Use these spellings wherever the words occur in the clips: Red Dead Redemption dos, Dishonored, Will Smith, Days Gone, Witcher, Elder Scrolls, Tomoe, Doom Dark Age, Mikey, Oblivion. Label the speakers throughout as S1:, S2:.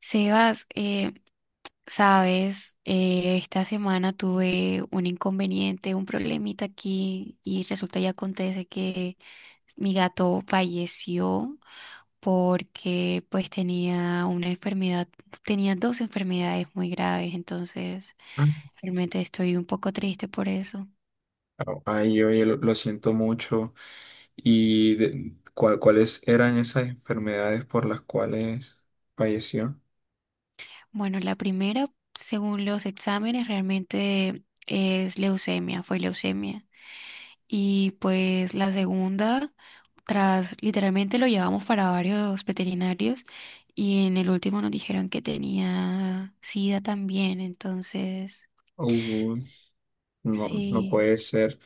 S1: Sebas, sabes, esta semana tuve un inconveniente, un problemita aquí y resulta y acontece que mi gato falleció porque pues tenía una enfermedad, tenía dos enfermedades muy graves, entonces
S2: Ah.
S1: realmente estoy un poco triste por eso.
S2: Ay, oye, lo siento mucho. ¿Y cuáles eran esas enfermedades por las cuales falleció?
S1: Bueno, la primera, según los exámenes, realmente es leucemia, fue leucemia. Y pues la segunda... Tras, literalmente lo llevamos para varios veterinarios y en el último nos dijeron que tenía sida también. Entonces,
S2: Uy, no, no
S1: sí,
S2: puede ser.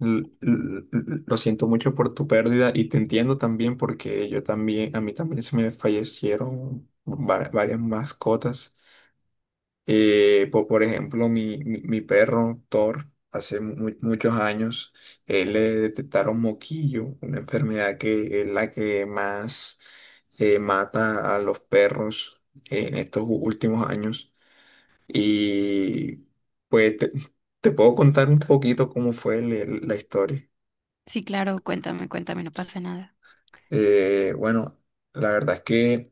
S2: Lo siento mucho por tu pérdida y te entiendo también porque yo también, a mí también se me fallecieron varias mascotas. Por ejemplo, mi perro Thor, hace muchos años, le detectaron moquillo, una enfermedad que es la que más mata a los perros en estos últimos años. Y pues te puedo contar un poquito cómo fue la historia.
S1: sí, claro, cuéntame, cuéntame, no pasa nada.
S2: Bueno, la verdad es que...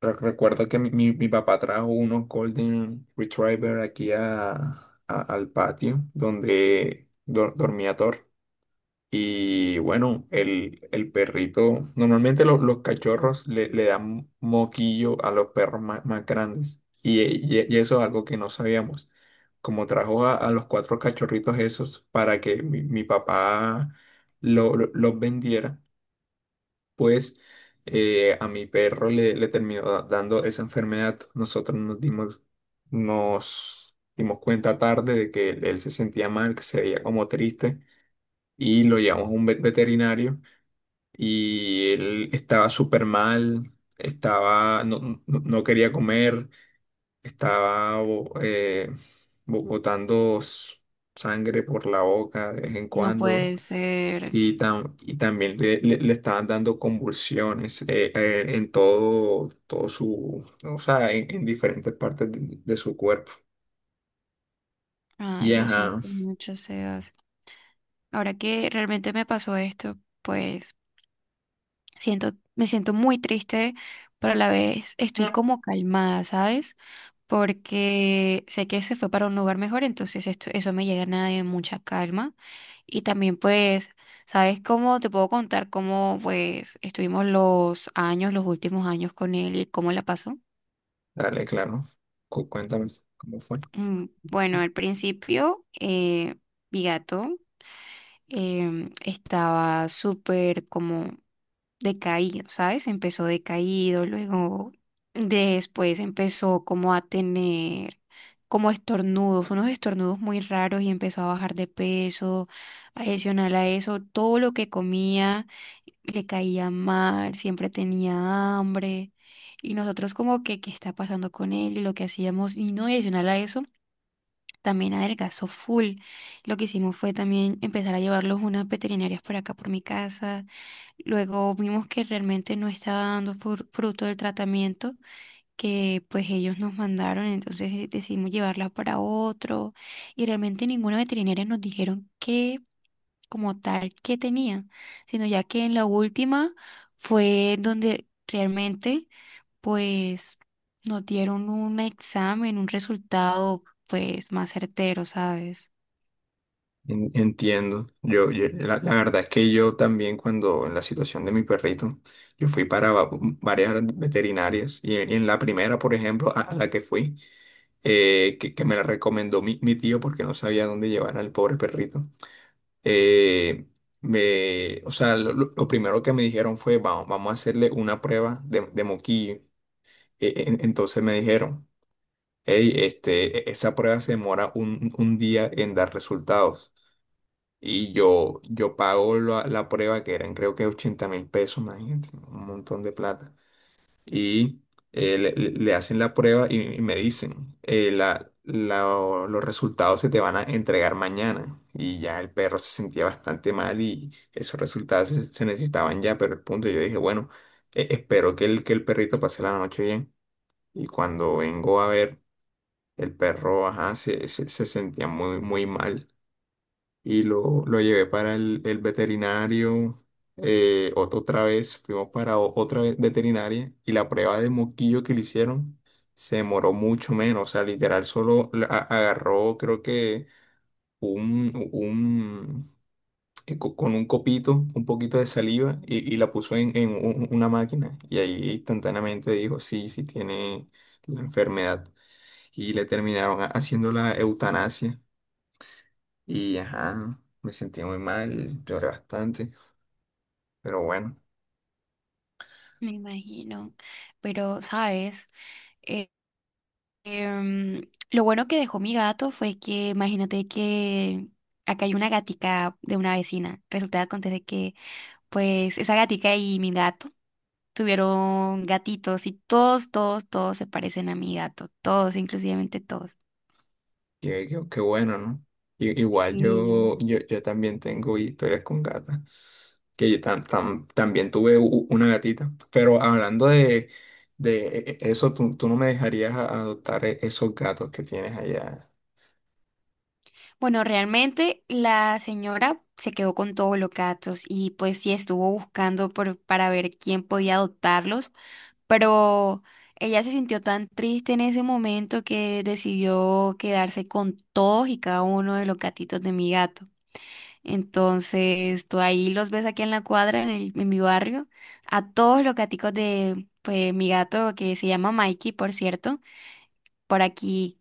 S2: Recuerdo que mi papá trajo unos Golden Retriever aquí al patio donde dormía Thor. Y bueno, el perrito, normalmente los cachorros le dan moquillo a los perros más, más grandes. Y eso es algo que no sabíamos. Como trajo a los cuatro cachorritos esos para que mi papá los vendiera, pues a mi perro le terminó dando esa enfermedad. Nosotros nos dimos cuenta tarde de que él se sentía mal, que se veía como triste y lo llevamos a un veterinario y él estaba súper mal, estaba, no quería comer, estaba botando sangre por la boca de vez en
S1: No
S2: cuando.
S1: puede ser.
S2: Y también le estaban dando convulsiones, en todo, todo su, o sea, en diferentes partes de su cuerpo. Y
S1: Ay, lo
S2: ajá,
S1: siento mucho, Sebas. Ahora que realmente me pasó esto, pues siento, me siento muy triste, pero a la vez estoy como calmada, ¿sabes? Porque sé que se fue para un lugar mejor, entonces esto, eso me llena de mucha calma. Y también pues, ¿sabes cómo te puedo contar cómo pues estuvimos los años, los últimos años con él y cómo la pasó?
S2: dale, claro. Cuéntame cómo fue.
S1: Mm, bueno, al principio, mi gato estaba súper como decaído, ¿sabes? Empezó decaído, luego después empezó como a tener como estornudos, unos estornudos muy raros y empezó a bajar de peso. Adicional a eso, todo lo que comía le caía mal, siempre tenía hambre. Y nosotros como que, ¿qué está pasando con él? Y lo que hacíamos, y no, y adicional a eso, también adelgazó full. Lo que hicimos fue también empezar a llevarlos unas veterinarias por acá por mi casa. Luego vimos que realmente no estaba dando fruto del tratamiento que pues ellos nos mandaron, entonces decidimos llevarla para otro y realmente ninguna veterinaria nos dijeron qué, como tal qué tenía, sino ya que en la última fue donde realmente pues nos dieron un examen, un resultado pues más certero, ¿sabes?
S2: Entiendo. La, la verdad es que yo también cuando en la situación de mi perrito, yo fui para varias veterinarias y, en la primera, por ejemplo, a la que fui, que me la recomendó mi tío porque no sabía dónde llevar al pobre perrito. eh, me, o sea, lo primero que me dijeron fue, vamos, vamos a hacerle una prueba de moquillo. Entonces me dijeron, hey, esa prueba se demora un día en dar resultados. Y yo pago la prueba, que eran creo que 80.000 pesos, imagínate, un montón de plata, y le hacen la prueba y me dicen, los resultados se te van a entregar mañana. Y ya el perro se sentía bastante mal y esos resultados se necesitaban ya, pero el punto, yo dije, bueno, espero que el perrito pase la noche bien. Y cuando vengo a ver, el perro, ajá, se sentía muy, muy mal y lo llevé para el veterinario. Otra vez fuimos para otra veterinaria y la prueba de moquillo que le hicieron se demoró mucho menos. O sea, literal, solo agarró, creo que un, un con un copito, un poquito de saliva y la puso en una máquina. Y ahí instantáneamente dijo: Sí, sí, tiene la enfermedad. Y le terminaron haciendo la eutanasia. Y ajá, me sentí muy mal, lloré bastante, pero bueno,
S1: Me imagino, pero ¿sabes? Em, lo bueno que dejó mi gato fue que, imagínate que acá hay una gatica de una vecina. Resulta que acontece que, pues, esa gatica y mi gato tuvieron gatitos y todos, todos, todos se parecen a mi gato. Todos, inclusivamente todos.
S2: qué bueno, ¿no? Igual
S1: Sí.
S2: yo también tengo historias con gatas, que yo también tuve una gatita, pero hablando de eso, tú no me dejarías adoptar esos gatos que tienes allá,
S1: Bueno, realmente la señora se quedó con todos los gatos y pues sí estuvo buscando por, para ver quién podía adoptarlos. Pero ella se sintió tan triste en ese momento que decidió quedarse con todos y cada uno de los gatitos de mi gato. Entonces, tú ahí los ves aquí en la cuadra, en mi barrio, a todos los gaticos de pues, mi gato que se llama Mikey, por cierto, por aquí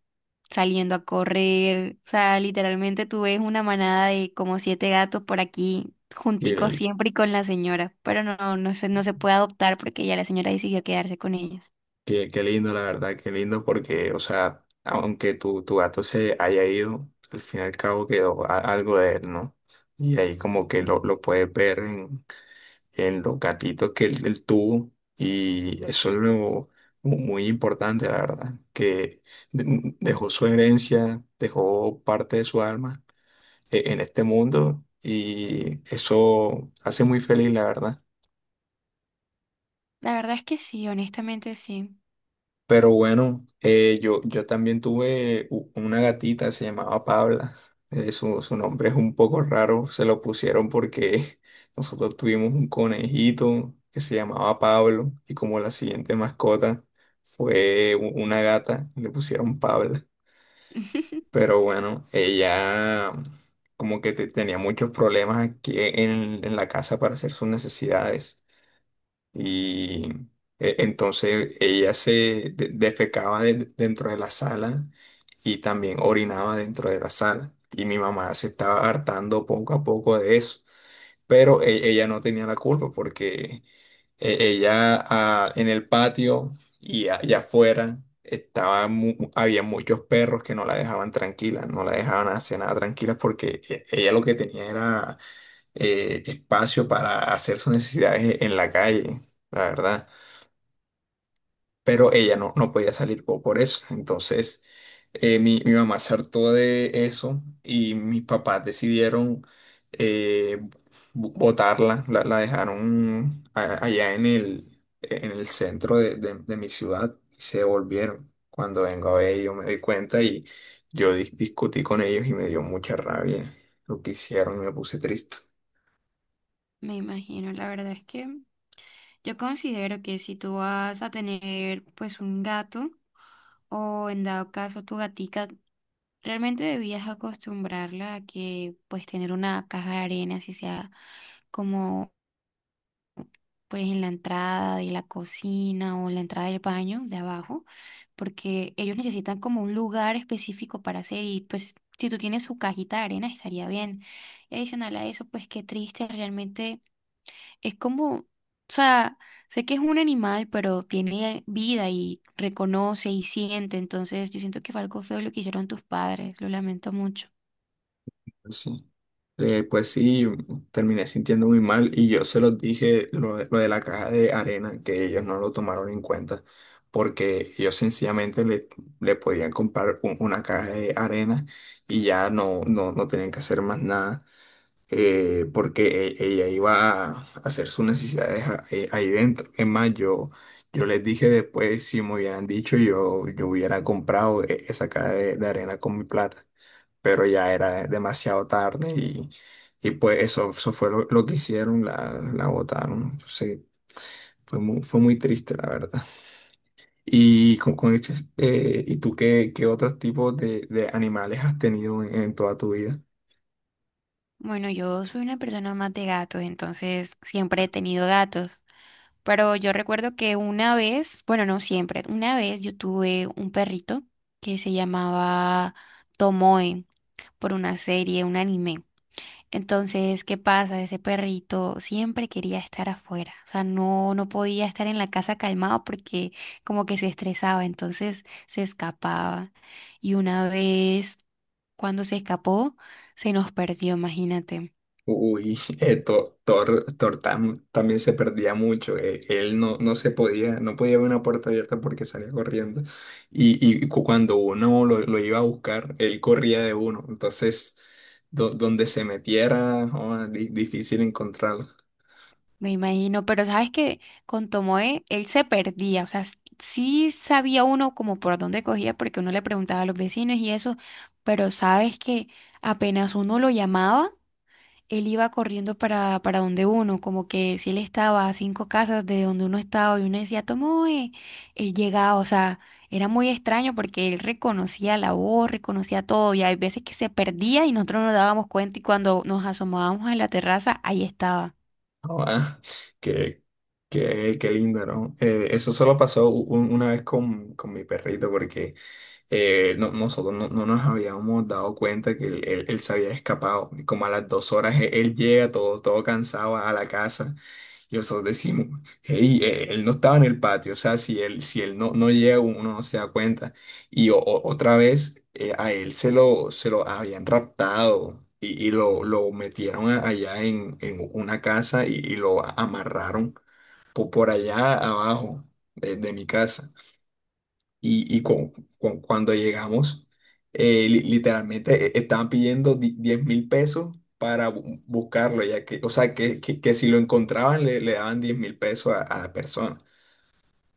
S1: saliendo a correr. O sea, literalmente tú ves una manada de como siete gatos por aquí, junticos
S2: que
S1: siempre y con la señora, pero no, no se, no se puede adoptar porque ya la señora decidió quedarse con ellos.
S2: qué lindo, la verdad, qué lindo, porque, o sea, aunque tu gato se haya ido, al fin y al cabo quedó algo de él, ¿no? Y ahí como que
S1: Mm.
S2: lo puedes ver en los gatitos que él tuvo, y eso es lo muy importante, la verdad, que dejó su herencia, dejó parte de su alma en este mundo, y eso hace muy feliz, la verdad.
S1: La verdad es que sí, honestamente sí.
S2: Pero bueno, yo también tuve una gatita, se llamaba Pabla. Su nombre es un poco raro, se lo pusieron porque nosotros tuvimos un conejito que se llamaba Pablo y como la siguiente mascota fue una gata, le pusieron Pabla. Pero bueno, ella como que tenía muchos problemas aquí en la casa para hacer sus necesidades. Y entonces ella se defecaba dentro de la sala y también orinaba dentro de la sala. Y mi mamá se estaba hartando poco a poco de eso. Pero ella no tenía la culpa porque ella, en el patio y allá afuera, había muchos perros que no la dejaban tranquila, no la dejaban hacer nada tranquila, porque ella lo que tenía era espacio para hacer sus necesidades en la calle, la verdad. Pero ella no podía salir por eso. Entonces, mi mamá se hartó de eso y mis papás decidieron eh, botarla, la dejaron allá en el centro de mi ciudad, y se volvieron. Cuando vengo a ver, yo me di cuenta y yo discutí con ellos y me dio mucha rabia lo que hicieron y me puse triste.
S1: Me imagino, la verdad es que yo considero que si tú vas a tener pues un gato o en dado caso tu gatica, realmente debías acostumbrarla a que pues tener una caja de arena, así sea. Como pues en la entrada de la cocina o la entrada del baño de abajo, porque ellos necesitan como un lugar específico para hacer y pues si tú tienes su cajita de arena estaría bien. Y adicional a eso, pues qué triste, realmente es como, o sea, sé que es un animal, pero tiene vida y reconoce y siente, entonces yo siento que fue algo feo lo que hicieron tus padres, lo lamento mucho.
S2: Pues sí. Pues sí, terminé sintiendo muy mal y yo se los dije, de lo de la caja de arena, que ellos no lo tomaron en cuenta, porque ellos sencillamente le podían comprar una caja de arena y ya no tenían que hacer más nada, porque ella iba a hacer sus necesidades ahí dentro. Es más, yo les dije después, si me hubieran dicho, yo hubiera comprado esa caja de arena con mi plata, pero ya era demasiado tarde, y pues eso, fue lo que hicieron, la botaron. Entonces, fue muy triste, la verdad. ¿Y tú qué otros tipos de animales has tenido en toda tu vida?
S1: Bueno, yo soy una persona más de gatos, entonces siempre he tenido gatos. Pero yo recuerdo que una vez, bueno, no siempre, una vez yo tuve un perrito que se llamaba Tomoe, por una serie, un anime. Entonces, ¿qué pasa? Ese perrito siempre quería estar afuera. O sea, no, no podía estar en la casa calmado porque como que se estresaba, entonces se escapaba. Y una vez, cuando se escapó, se nos perdió, imagínate.
S2: Uy, Thor también se perdía mucho. Él no podía ver una puerta abierta porque salía corriendo. Y, Cuando uno lo iba a buscar, él corría de uno. Entonces, donde se metiera, joda, difícil encontrarlo.
S1: Me imagino, pero sabes que con Tomoe él se perdía, o sea, sí sabía uno como por dónde cogía porque uno le preguntaba a los vecinos y eso, pero sabes que apenas uno lo llamaba, él iba corriendo para donde uno, como que si él estaba a 5 casas de donde uno estaba y uno decía Tomoe, él llegaba, o sea, era muy extraño porque él reconocía la voz, reconocía todo y hay veces que se perdía y nosotros no nos dábamos cuenta y cuando nos asomábamos a la terraza, ahí estaba.
S2: Joda, qué, qué lindo, ¿no? Eso solo pasó una vez con mi perrito, porque nosotros no nos habíamos dado cuenta que él se había escapado. Y como a las 2 horas, llega todo cansado a la casa y nosotros decimos, hey, él no estaba en el patio. O sea, si él no llega, uno no se da cuenta. Y otra vez, a él se lo habían raptado. Y lo metieron allá en una casa y lo amarraron por allá abajo de mi casa, y cuando llegamos, literalmente estaban pidiendo 10.000 pesos para buscarlo, ya que, o sea, que si lo encontraban le daban 10.000 pesos a la persona.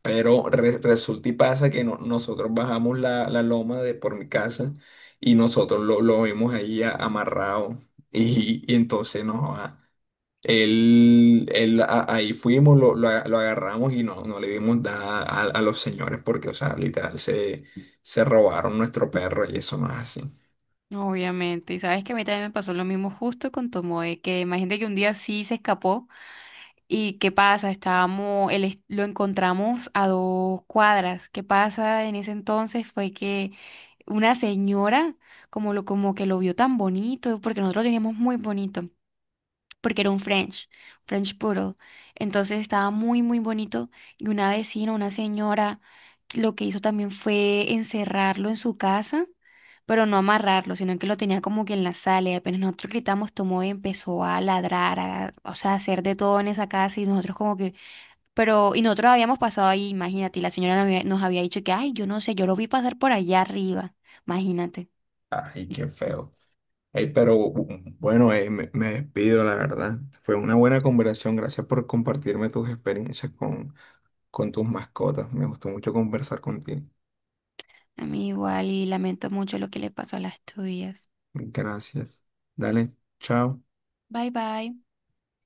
S2: Pero resulta y pasa que nosotros bajamos la loma de por mi casa y nosotros lo vimos ahí amarrado y entonces no. Joda, ahí fuimos, lo agarramos y no le dimos nada a los señores porque, o sea, literal, se robaron nuestro perro y eso no es así.
S1: Obviamente, y sabes que a mí también me pasó lo mismo justo con Tomoe, que imagínate que un día sí se escapó y ¿qué pasa? Estábamos, lo encontramos a dos cuadras. ¿Qué pasa en ese entonces? Fue que una señora como lo como que lo vio tan bonito, porque nosotros lo teníamos muy bonito porque era un French, French Poodle. Entonces estaba muy, muy bonito. Y una vecina, una señora, lo que hizo también fue encerrarlo en su casa, pero no amarrarlo, sino que lo tenía como que en la sala. Y apenas nosotros gritamos, tomó y empezó a ladrar, a, o sea, a hacer de todo en esa casa. Y nosotros como que, pero, y nosotros habíamos pasado ahí, imagínate, y la señora nos había dicho que, ay, yo no sé, yo lo vi pasar por allá arriba. Imagínate.
S2: Ay, qué feo. Ey, pero bueno, me despido, la verdad. Fue una buena conversación. Gracias por compartirme tus experiencias con tus mascotas. Me gustó mucho conversar contigo.
S1: A mí igual y lamento mucho lo que le pasó a las tuyas.
S2: Gracias. Dale, chao.
S1: Bye bye.